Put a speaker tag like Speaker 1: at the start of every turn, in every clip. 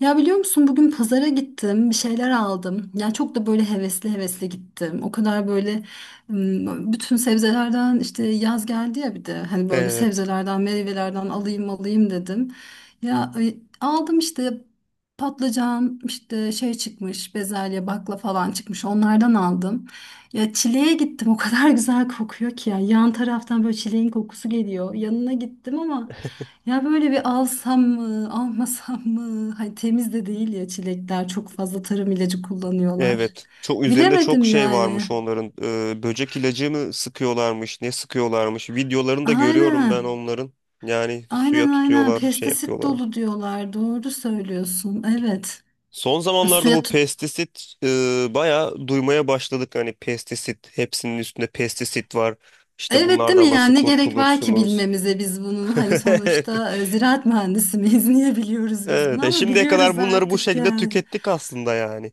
Speaker 1: Ya biliyor musun, bugün pazara gittim, bir şeyler aldım. Ya çok da böyle hevesli hevesli gittim. O kadar böyle bütün sebzelerden, işte yaz geldi ya, bir de hani böyle
Speaker 2: Evet.
Speaker 1: sebzelerden, meyvelerden alayım alayım dedim. Ya, aldım işte patlıcan, işte şey çıkmış, bezelye, bakla falan çıkmış. Onlardan aldım. Ya çileğe gittim. O kadar güzel kokuyor ki ya. Yan taraftan böyle çileğin kokusu geliyor. Yanına gittim ama ya böyle, bir alsam mı, almasam mı? Hani temiz de değil ya çilekler. Çok fazla tarım ilacı kullanıyorlar.
Speaker 2: Evet. Çok üzerinde
Speaker 1: Bilemedim
Speaker 2: çok şey
Speaker 1: yani.
Speaker 2: varmış onların. Böcek ilacı mı sıkıyorlarmış, ne sıkıyorlarmış. Videolarını da görüyorum ben
Speaker 1: Aynen.
Speaker 2: onların. Yani suya
Speaker 1: Aynen, aynen.
Speaker 2: tutuyorlar, şey
Speaker 1: Pestisit
Speaker 2: yapıyorlar.
Speaker 1: dolu diyorlar. Doğru söylüyorsun. Evet.
Speaker 2: Son zamanlarda bu
Speaker 1: Suya tut
Speaker 2: pestisit bayağı duymaya başladık. Hani pestisit, hepsinin üstünde pestisit var. İşte
Speaker 1: Evet, değil mi?
Speaker 2: bunlardan nasıl
Speaker 1: Yani ne gerek var ki
Speaker 2: kurtulursunuz?
Speaker 1: bilmemize biz bunun, hani
Speaker 2: Evet.
Speaker 1: sonuçta ziraat mühendisi miyiz niye biliyoruz biz
Speaker 2: Evet.
Speaker 1: bunu,
Speaker 2: E
Speaker 1: ama
Speaker 2: şimdiye kadar
Speaker 1: biliyoruz
Speaker 2: bunları bu
Speaker 1: artık
Speaker 2: şekilde
Speaker 1: yani.
Speaker 2: tükettik aslında yani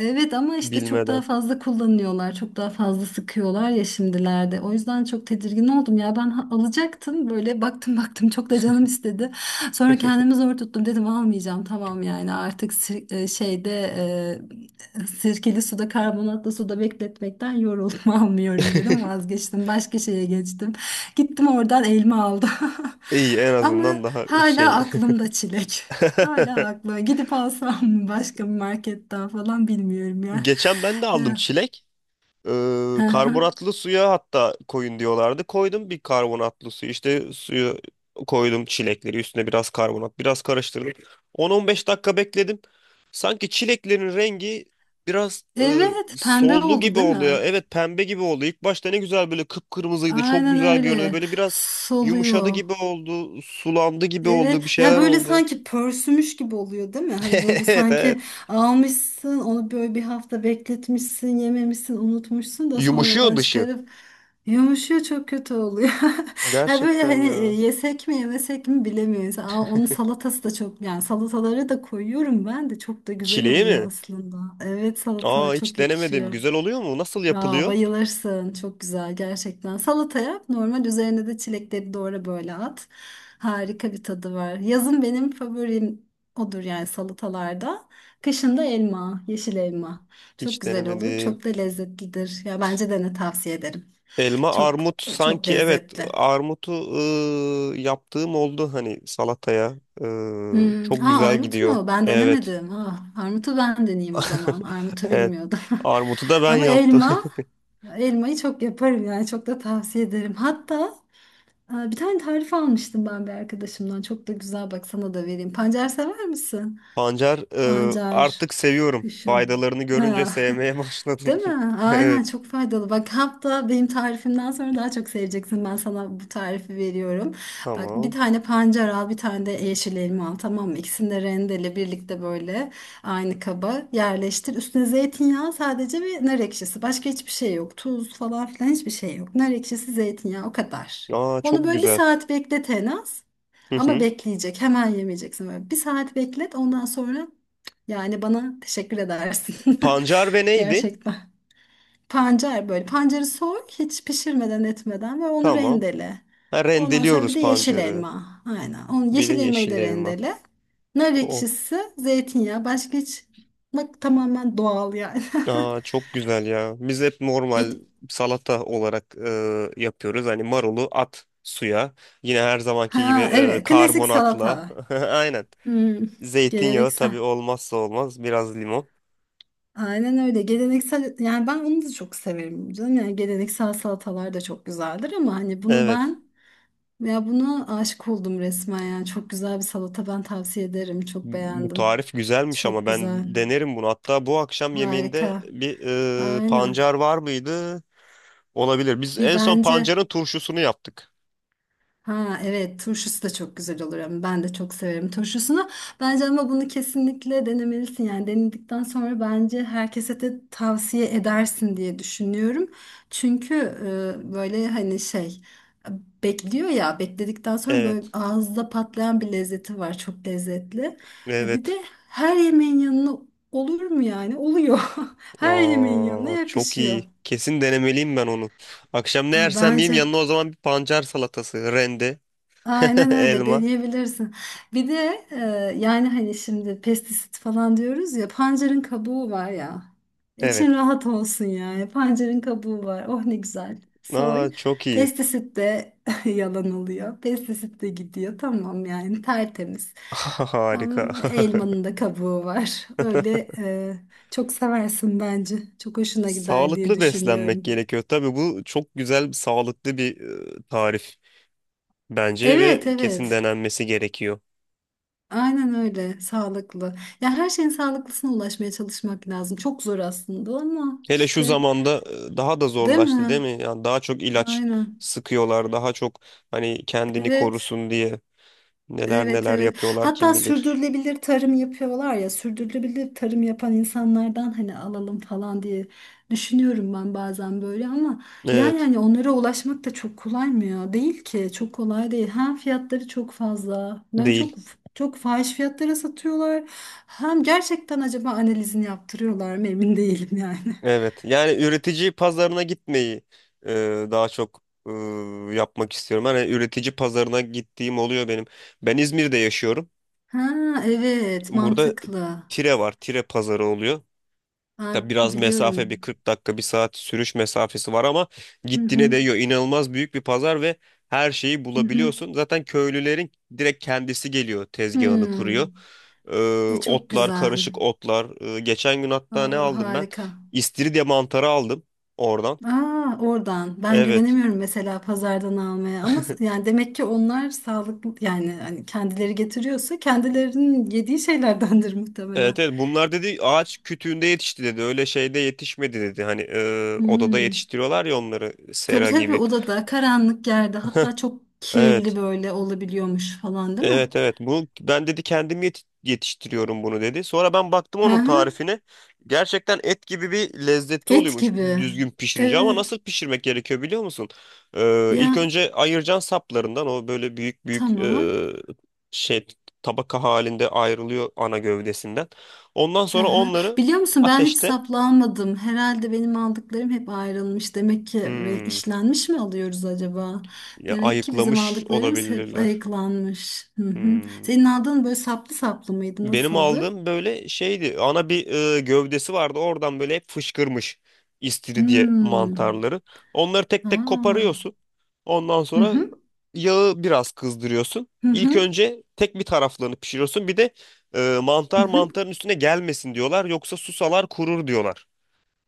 Speaker 1: Evet, ama işte çok
Speaker 2: bilmeden.
Speaker 1: daha fazla kullanıyorlar, çok daha fazla sıkıyorlar ya şimdilerde. O yüzden çok tedirgin oldum ya. Ben alacaktım, böyle baktım baktım, çok da canım istedi. Sonra kendimi zor tuttum, dedim almayacağım, tamam yani, artık sirkeli suda, karbonatlı suda bekletmekten yoruldum almıyorum dedim, vazgeçtim. Başka şeye geçtim. Gittim, oradan elma aldım.
Speaker 2: İyi en azından
Speaker 1: Ama
Speaker 2: daha
Speaker 1: hala
Speaker 2: şey.
Speaker 1: aklımda çilek. Hala haklı. Gidip alsam mı başka bir marketten falan, bilmiyorum ya.
Speaker 2: Geçen ben de aldım
Speaker 1: Ya.
Speaker 2: çilek.
Speaker 1: Hı
Speaker 2: Ee,
Speaker 1: hı.
Speaker 2: Karbonatlı suya hatta koyun diyorlardı. Koydum bir karbonatlı suyu. İşte suyu koydum çilekleri üstüne biraz karbonat biraz karıştırdım. 10-15 dakika bekledim. Sanki çileklerin rengi biraz
Speaker 1: Evet, pembe
Speaker 2: soldu
Speaker 1: oldu
Speaker 2: gibi
Speaker 1: değil
Speaker 2: oluyor.
Speaker 1: mi?
Speaker 2: Evet pembe gibi oldu. İlk başta ne güzel böyle kıpkırmızıydı. Çok
Speaker 1: Aynen
Speaker 2: güzel görünüyordu.
Speaker 1: öyle.
Speaker 2: Böyle biraz yumuşadı
Speaker 1: Soluyor.
Speaker 2: gibi oldu. Sulandı gibi oldu. Bir
Speaker 1: Evet ya,
Speaker 2: şeyler
Speaker 1: böyle
Speaker 2: oldu.
Speaker 1: sanki pörsümüş gibi oluyor değil mi? Hani böyle
Speaker 2: Evet, evet.
Speaker 1: sanki almışsın onu, böyle bir hafta bekletmişsin, yememişsin, unutmuşsun da
Speaker 2: Yumuşuyor
Speaker 1: sonradan
Speaker 2: dışı.
Speaker 1: çıkarıp yumuşuyor, çok kötü oluyor. Ya böyle
Speaker 2: Gerçekten
Speaker 1: hani
Speaker 2: ya.
Speaker 1: yesek mi, yemesek mi, bilemiyoruz. Aa, onun salatası da çok, yani salataları da koyuyorum ben de, çok da güzel
Speaker 2: Çileği
Speaker 1: oluyor
Speaker 2: mi?
Speaker 1: aslında. Evet, salata
Speaker 2: Aa, hiç
Speaker 1: çok
Speaker 2: denemedim.
Speaker 1: yakışıyor.
Speaker 2: Güzel oluyor mu? Nasıl
Speaker 1: Aa,
Speaker 2: yapılıyor?
Speaker 1: bayılırsın. Çok güzel gerçekten. Salata yap. Normal, üzerine de çilekleri doğra böyle, at. Harika bir tadı var. Yazın benim favorim odur yani, salatalarda. Kışın da elma, yeşil elma. Çok
Speaker 2: Hiç
Speaker 1: güzel olur.
Speaker 2: denemedim.
Speaker 1: Çok da lezzetlidir. Ya bence dene, tavsiye ederim.
Speaker 2: Elma,
Speaker 1: Çok,
Speaker 2: armut
Speaker 1: çok
Speaker 2: sanki evet
Speaker 1: lezzetli.
Speaker 2: armutu yaptığım oldu hani salataya.
Speaker 1: Hmm.
Speaker 2: Çok
Speaker 1: Aa,
Speaker 2: güzel
Speaker 1: armut
Speaker 2: gidiyor.
Speaker 1: mu? Ben
Speaker 2: Evet.
Speaker 1: denemedim. Ah, armutu ben deneyeyim o zaman. Armutu
Speaker 2: Evet.
Speaker 1: bilmiyordum.
Speaker 2: Armutu da ben
Speaker 1: Ama
Speaker 2: yaptım.
Speaker 1: elma, elmayı çok yaparım yani, çok da tavsiye ederim. Hatta, aa, bir tane tarif almıştım ben bir arkadaşımdan. Çok da güzel, bak sana da vereyim. Pancar sever misin?
Speaker 2: Pancar
Speaker 1: Pancar
Speaker 2: artık seviyorum.
Speaker 1: kışın.
Speaker 2: Faydalarını görünce
Speaker 1: Ha.
Speaker 2: sevmeye başladım.
Speaker 1: Değil mi?
Speaker 2: Evet.
Speaker 1: Aynen, çok faydalı. Bak, hatta benim tarifimden sonra daha çok seveceksin. Ben sana bu tarifi veriyorum. Bak, bir
Speaker 2: Tamam.
Speaker 1: tane pancar al, bir tane de yeşil elma al. Tamam mı? İkisini de rendele, birlikte böyle aynı kaba yerleştir. Üstüne zeytinyağı sadece ve nar ekşisi. Başka hiçbir şey yok. Tuz falan filan, hiçbir şey yok. Nar ekşisi, zeytinyağı, o kadar.
Speaker 2: Aa,
Speaker 1: Onu
Speaker 2: çok
Speaker 1: böyle bir
Speaker 2: güzel.
Speaker 1: saat beklet en az.
Speaker 2: Hı
Speaker 1: Ama
Speaker 2: hı.
Speaker 1: bekleyecek. Hemen yemeyeceksin. Böyle bir saat beklet. Ondan sonra yani bana teşekkür edersin.
Speaker 2: Pancar ve neydi?
Speaker 1: Gerçekten. Pancar böyle. Pancarı soy, hiç pişirmeden etmeden, ve onu
Speaker 2: Tamam.
Speaker 1: rendele.
Speaker 2: Ha,
Speaker 1: Ondan sonra bir
Speaker 2: rendeliyoruz
Speaker 1: de yeşil
Speaker 2: pancarı.
Speaker 1: elma. Aynen. Onu,
Speaker 2: Bir de
Speaker 1: yeşil elmayı
Speaker 2: yeşil
Speaker 1: da
Speaker 2: elma.
Speaker 1: rendele. Nar
Speaker 2: Oh.
Speaker 1: ekşisi, zeytinyağı. Başka hiç, bak tamamen doğal yani.
Speaker 2: Aa, çok güzel ya. Biz hep
Speaker 1: Et,
Speaker 2: normal salata olarak yapıyoruz. Hani marulu at suya. Yine her zamanki gibi
Speaker 1: ha evet, klasik
Speaker 2: karbonatla.
Speaker 1: salata.
Speaker 2: Aynen.
Speaker 1: Hmm,
Speaker 2: Zeytinyağı tabii
Speaker 1: geleneksel.
Speaker 2: olmazsa olmaz. Biraz limon.
Speaker 1: Aynen öyle. Geleneksel, yani ben onu da çok severim canım. Yani geleneksel salatalar da çok güzeldir, ama hani bunu
Speaker 2: Evet.
Speaker 1: ben, ya buna aşık oldum resmen ya. Çok güzel bir salata, ben tavsiye ederim. Çok
Speaker 2: Bu
Speaker 1: beğendim.
Speaker 2: tarif güzelmiş
Speaker 1: Çok
Speaker 2: ama
Speaker 1: güzel.
Speaker 2: ben denerim bunu. Hatta bu akşam yemeğinde
Speaker 1: Harika.
Speaker 2: bir
Speaker 1: Aynen.
Speaker 2: pancar var mıydı? Olabilir. Biz
Speaker 1: Bir,
Speaker 2: en son
Speaker 1: bence,
Speaker 2: pancarın turşusunu yaptık.
Speaker 1: ha evet turşusu da çok güzel olur, ama ben de çok severim turşusunu. Bence, ama bunu kesinlikle denemelisin, yani denedikten sonra bence herkese de tavsiye edersin diye düşünüyorum. Çünkü böyle hani şey, bekliyor ya, bekledikten sonra böyle
Speaker 2: Evet.
Speaker 1: ağızda patlayan bir lezzeti var, çok lezzetli. Bir de
Speaker 2: Evet.
Speaker 1: her yemeğin yanına, olur mu yani, oluyor, her yemeğin yanına
Speaker 2: Aa, çok
Speaker 1: yakışıyor.
Speaker 2: iyi. Kesin denemeliyim ben onu. Akşam ne
Speaker 1: Ha,
Speaker 2: yersem yiyeyim
Speaker 1: bence.
Speaker 2: yanına o zaman bir pancar salatası, rende,
Speaker 1: Aynen öyle de
Speaker 2: elma.
Speaker 1: diyebilirsin. Bir de yani hani şimdi pestisit falan diyoruz ya, pancarın kabuğu var ya. İçin
Speaker 2: Evet.
Speaker 1: rahat olsun yani. Pancarın kabuğu var. Oh ne güzel.
Speaker 2: Aa,
Speaker 1: Soy.
Speaker 2: çok iyi.
Speaker 1: Pestisit de yalan oluyor. Pestisit de gidiyor. Tamam yani, tertemiz.
Speaker 2: Harika.
Speaker 1: Ama elmanın da kabuğu var. Öyle, çok seversin bence. Çok hoşuna gider diye
Speaker 2: Sağlıklı beslenmek
Speaker 1: düşünüyorum.
Speaker 2: gerekiyor. Tabii bu çok güzel, sağlıklı bir tarif bence
Speaker 1: Evet,
Speaker 2: ve kesin
Speaker 1: evet.
Speaker 2: denenmesi gerekiyor.
Speaker 1: Aynen öyle, sağlıklı. Ya her şeyin sağlıklısına ulaşmaya çalışmak lazım. Çok zor aslında, ama
Speaker 2: Hele şu
Speaker 1: işte,
Speaker 2: zamanda daha da
Speaker 1: değil
Speaker 2: zorlaştı değil
Speaker 1: mi?
Speaker 2: mi? Yani daha çok ilaç
Speaker 1: Aynen.
Speaker 2: sıkıyorlar, daha çok hani kendini
Speaker 1: Evet.
Speaker 2: korusun diye neler
Speaker 1: Evet,
Speaker 2: neler
Speaker 1: evet.
Speaker 2: yapıyorlar kim
Speaker 1: Hatta
Speaker 2: bilir.
Speaker 1: sürdürülebilir tarım yapıyorlar ya. Sürdürülebilir tarım yapan insanlardan hani alalım falan diye düşünüyorum ben bazen böyle, ama ya
Speaker 2: Evet.
Speaker 1: yani onlara ulaşmak da çok kolay mı ya? Değil ki. Çok kolay değil. Hem fiyatları çok fazla. Ben,
Speaker 2: Değil.
Speaker 1: çok çok fahiş fiyatlara satıyorlar. Hem gerçekten acaba analizini yaptırıyorlar mı, emin değilim yani.
Speaker 2: Evet. Yani üretici pazarına gitmeyi daha çok yapmak istiyorum. Hani üretici pazarına gittiğim oluyor benim. Ben İzmir'de yaşıyorum.
Speaker 1: Ha evet,
Speaker 2: Burada
Speaker 1: mantıklı.
Speaker 2: Tire var. Tire pazarı oluyor. Da
Speaker 1: Ha,
Speaker 2: biraz mesafe bir
Speaker 1: biliyorum.
Speaker 2: 40 dakika bir saat sürüş mesafesi var ama
Speaker 1: Hı
Speaker 2: gittiğine
Speaker 1: hı.
Speaker 2: değiyor. İnanılmaz büyük bir pazar ve her şeyi
Speaker 1: Hı hı.
Speaker 2: bulabiliyorsun. Zaten köylülerin direkt kendisi geliyor tezgahını kuruyor.
Speaker 1: Hmm.
Speaker 2: Ee,
Speaker 1: E çok
Speaker 2: Otlar
Speaker 1: güzel.
Speaker 2: karışık otlar. Geçen gün hatta ne
Speaker 1: Aa,
Speaker 2: aldım ben?
Speaker 1: harika.
Speaker 2: İstiridye mantarı aldım oradan.
Speaker 1: Aa, oradan. Ben
Speaker 2: Evet.
Speaker 1: güvenemiyorum mesela pazardan almaya, ama yani demek ki onlar sağlıklı, yani hani kendileri getiriyorsa kendilerinin yediği şeylerdendir
Speaker 2: Evet,
Speaker 1: muhtemelen.
Speaker 2: evet, bunlar dedi ağaç kütüğünde yetişti dedi öyle şeyde yetişmedi dedi hani odada
Speaker 1: Hmm.
Speaker 2: yetiştiriyorlar ya onları
Speaker 1: Tabii
Speaker 2: sera
Speaker 1: tabii,
Speaker 2: gibi.
Speaker 1: odada, karanlık yerde, hatta çok kirli
Speaker 2: Evet.
Speaker 1: böyle olabiliyormuş falan değil mi?
Speaker 2: Evet, evet, bu ben dedi kendim yetiştiriyorum bunu dedi. Sonra ben baktım
Speaker 1: Hı
Speaker 2: onun
Speaker 1: hı.
Speaker 2: tarifine. Gerçekten et gibi bir lezzeti
Speaker 1: Et
Speaker 2: oluyormuş
Speaker 1: gibi.
Speaker 2: düzgün pişirince ama
Speaker 1: Evet.
Speaker 2: nasıl pişirmek gerekiyor biliyor musun? İlk
Speaker 1: Ya
Speaker 2: önce ayıracaksın saplarından o böyle büyük büyük
Speaker 1: tamam.
Speaker 2: şey tabaka halinde ayrılıyor ana gövdesinden. Ondan
Speaker 1: Hı
Speaker 2: sonra
Speaker 1: hı.
Speaker 2: onları
Speaker 1: Biliyor musun, ben hiç
Speaker 2: ateşte
Speaker 1: saplanmadım. Herhalde benim aldıklarım hep ayrılmış. Demek ki, ve
Speaker 2: hmm,
Speaker 1: işlenmiş mi alıyoruz acaba?
Speaker 2: ya
Speaker 1: Demek ki bizim
Speaker 2: ayıklamış
Speaker 1: aldıklarımız hep
Speaker 2: olabilirler.
Speaker 1: ayıklanmış. Hı hı.
Speaker 2: Hmm.
Speaker 1: Senin aldığın böyle saplı saplı mıydı?
Speaker 2: Benim
Speaker 1: Nasıldı?
Speaker 2: aldığım böyle şeydi. Ana bir gövdesi vardı. Oradan böyle hep fışkırmış istiridye
Speaker 1: Hmm.
Speaker 2: mantarları. Onları tek tek
Speaker 1: Aa.
Speaker 2: koparıyorsun. Ondan
Speaker 1: Hı
Speaker 2: sonra
Speaker 1: hı.
Speaker 2: yağı biraz kızdırıyorsun.
Speaker 1: Hı
Speaker 2: İlk
Speaker 1: hı.
Speaker 2: önce tek bir taraflarını pişiriyorsun. Bir de
Speaker 1: Hı
Speaker 2: mantar
Speaker 1: hı.
Speaker 2: mantarın üstüne gelmesin diyorlar. Yoksa susalar kurur diyorlar.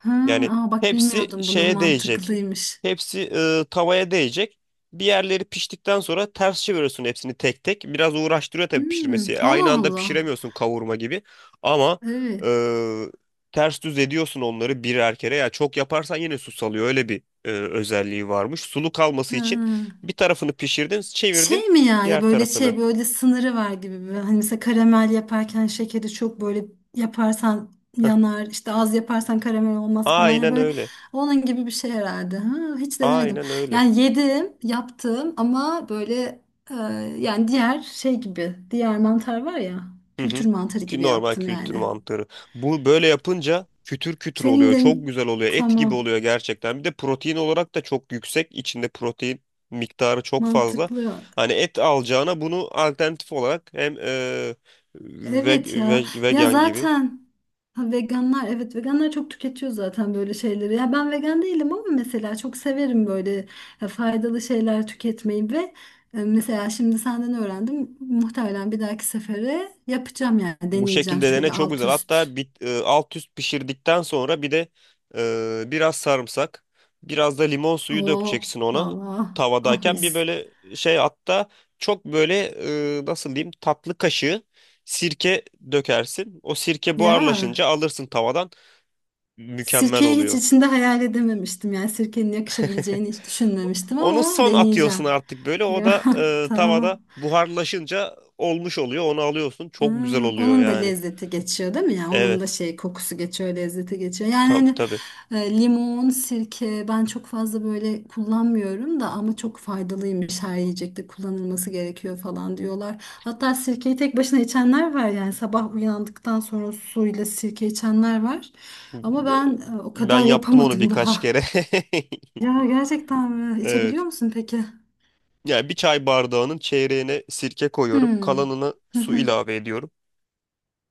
Speaker 1: Ha,
Speaker 2: Yani
Speaker 1: aa, bak
Speaker 2: hepsi
Speaker 1: bilmiyordum bunu,
Speaker 2: şeye değecek.
Speaker 1: mantıklıymış.
Speaker 2: Hepsi tavaya değecek. Bir yerleri piştikten sonra ters çeviriyorsun hepsini tek tek. Biraz uğraştırıyor tabii
Speaker 1: Hmm.
Speaker 2: pişirmesi. Aynı
Speaker 1: Allah
Speaker 2: anda
Speaker 1: Allah.
Speaker 2: pişiremiyorsun kavurma gibi. Ama
Speaker 1: Evet.
Speaker 2: e, ters düz ediyorsun onları birer kere. Ya çok yaparsan yine su salıyor. Öyle bir özelliği varmış. Sulu kalması için
Speaker 1: Ha.
Speaker 2: bir tarafını pişirdin, çevirdin
Speaker 1: Şey mi yani,
Speaker 2: diğer
Speaker 1: böyle
Speaker 2: tarafını.
Speaker 1: şey, böyle sınırı var gibi mi? Hani mesela karamel yaparken şekeri çok böyle yaparsan
Speaker 2: Heh.
Speaker 1: yanar işte, az yaparsan karamel olmaz falan, ya
Speaker 2: Aynen
Speaker 1: böyle
Speaker 2: öyle.
Speaker 1: onun gibi bir şey herhalde. Ha, hiç denemedim.
Speaker 2: Aynen öyle.
Speaker 1: Yani yedim, yaptım, ama böyle, e, yani diğer şey gibi, diğer mantar var ya,
Speaker 2: Hı
Speaker 1: kültür
Speaker 2: hı.
Speaker 1: mantarı
Speaker 2: Ki
Speaker 1: gibi
Speaker 2: normal
Speaker 1: yaptım
Speaker 2: kültür
Speaker 1: yani.
Speaker 2: mantarı. Bu böyle yapınca kütür kütür
Speaker 1: Senin
Speaker 2: oluyor.
Speaker 1: de,
Speaker 2: Çok güzel oluyor. Et gibi
Speaker 1: tamam,
Speaker 2: oluyor gerçekten. Bir de protein olarak da çok yüksek. İçinde protein miktarı çok fazla.
Speaker 1: mantıklı.
Speaker 2: Hani et alacağına bunu alternatif olarak hem
Speaker 1: Evet ya. Ya
Speaker 2: vegan gibi.
Speaker 1: zaten, ha, veganlar, evet veganlar çok tüketiyor zaten böyle şeyleri. Ya ben vegan değilim, ama mesela çok severim böyle faydalı şeyler tüketmeyi, ve mesela şimdi senden öğrendim. Muhtemelen bir dahaki sefere yapacağım, yani
Speaker 2: Bu
Speaker 1: deneyeceğim
Speaker 2: şekilde dene
Speaker 1: şöyle
Speaker 2: çok
Speaker 1: alt
Speaker 2: güzel.
Speaker 1: üst.
Speaker 2: Hatta alt üst pişirdikten sonra bir de biraz sarımsak, biraz da limon suyu
Speaker 1: Oo
Speaker 2: dökeceksin ona
Speaker 1: Allah, ah
Speaker 2: tavadayken.
Speaker 1: mis.
Speaker 2: Bir böyle şey hatta çok böyle nasıl diyeyim tatlı kaşığı sirke dökersin. O sirke
Speaker 1: Ya
Speaker 2: buharlaşınca alırsın tavadan. Mükemmel
Speaker 1: sirkeyi hiç
Speaker 2: oluyor.
Speaker 1: içinde hayal edememiştim. Yani sirkenin yakışabileceğini hiç düşünmemiştim,
Speaker 2: Onu
Speaker 1: ama
Speaker 2: son atıyorsun
Speaker 1: deneyeceğim.
Speaker 2: artık böyle. O da tavada
Speaker 1: Tamam.
Speaker 2: buharlaşınca olmuş oluyor. Onu alıyorsun. Çok güzel
Speaker 1: Hmm,
Speaker 2: oluyor
Speaker 1: onun da
Speaker 2: yani.
Speaker 1: lezzeti geçiyor değil mi ya? Onun da
Speaker 2: Evet.
Speaker 1: şey, kokusu geçiyor, lezzeti geçiyor. Yani
Speaker 2: Tabii,
Speaker 1: hani
Speaker 2: tabii.
Speaker 1: limon, sirke, ben çok fazla böyle kullanmıyorum da, ama çok faydalıymış, her yiyecekte kullanılması gerekiyor falan diyorlar. Hatta sirkeyi tek başına içenler var, yani sabah uyandıktan sonra suyla sirke içenler var. Ama ben, o
Speaker 2: Ben
Speaker 1: kadar
Speaker 2: yaptım onu
Speaker 1: yapamadım
Speaker 2: birkaç
Speaker 1: daha.
Speaker 2: kere.
Speaker 1: Ya gerçekten mi? İçebiliyor
Speaker 2: Evet.
Speaker 1: musun peki?
Speaker 2: Yani bir çay bardağının çeyreğine sirke koyuyorum.
Speaker 1: Hmm.
Speaker 2: Kalanına su ilave ediyorum.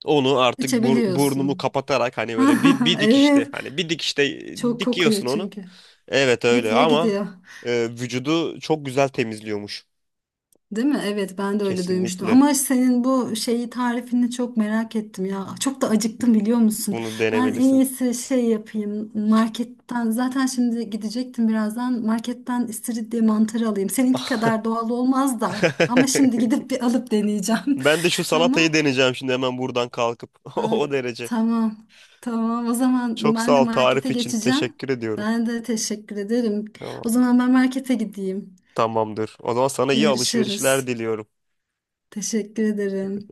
Speaker 2: Onu artık burnumu
Speaker 1: İçebiliyorsun.
Speaker 2: kapatarak hani böyle bir dikişte
Speaker 1: Evet.
Speaker 2: hani bir dikişte
Speaker 1: Çok kokuyor
Speaker 2: dikiyorsun onu.
Speaker 1: çünkü.
Speaker 2: Evet öyle
Speaker 1: Bitiyor
Speaker 2: ama
Speaker 1: gidiyor.
Speaker 2: vücudu çok güzel temizliyormuş.
Speaker 1: Değil mi? Evet, ben de öyle duymuştum.
Speaker 2: Kesinlikle
Speaker 1: Ama senin bu şeyi, tarifini çok merak ettim ya. Çok da acıktım, biliyor musun?
Speaker 2: bunu
Speaker 1: Ben en
Speaker 2: denemelisin.
Speaker 1: iyisi şey yapayım. Marketten zaten şimdi gidecektim birazdan. Marketten istiridye mantarı alayım. Seninki kadar doğal olmaz da. Ama şimdi gidip bir alıp deneyeceğim.
Speaker 2: Ben de şu salatayı
Speaker 1: Tamam.
Speaker 2: deneyeceğim şimdi hemen buradan kalkıp.
Speaker 1: Ay,
Speaker 2: O derece.
Speaker 1: tamam. Tamam. O zaman
Speaker 2: Çok
Speaker 1: ben de
Speaker 2: sağ ol
Speaker 1: markete
Speaker 2: tarif için.
Speaker 1: geçeceğim.
Speaker 2: Teşekkür ediyorum.
Speaker 1: Ben de teşekkür ederim.
Speaker 2: Tamam.
Speaker 1: O zaman ben markete gideyim.
Speaker 2: Tamamdır. O zaman sana iyi alışverişler
Speaker 1: Yarışırız.
Speaker 2: diliyorum.
Speaker 1: Teşekkür ederim.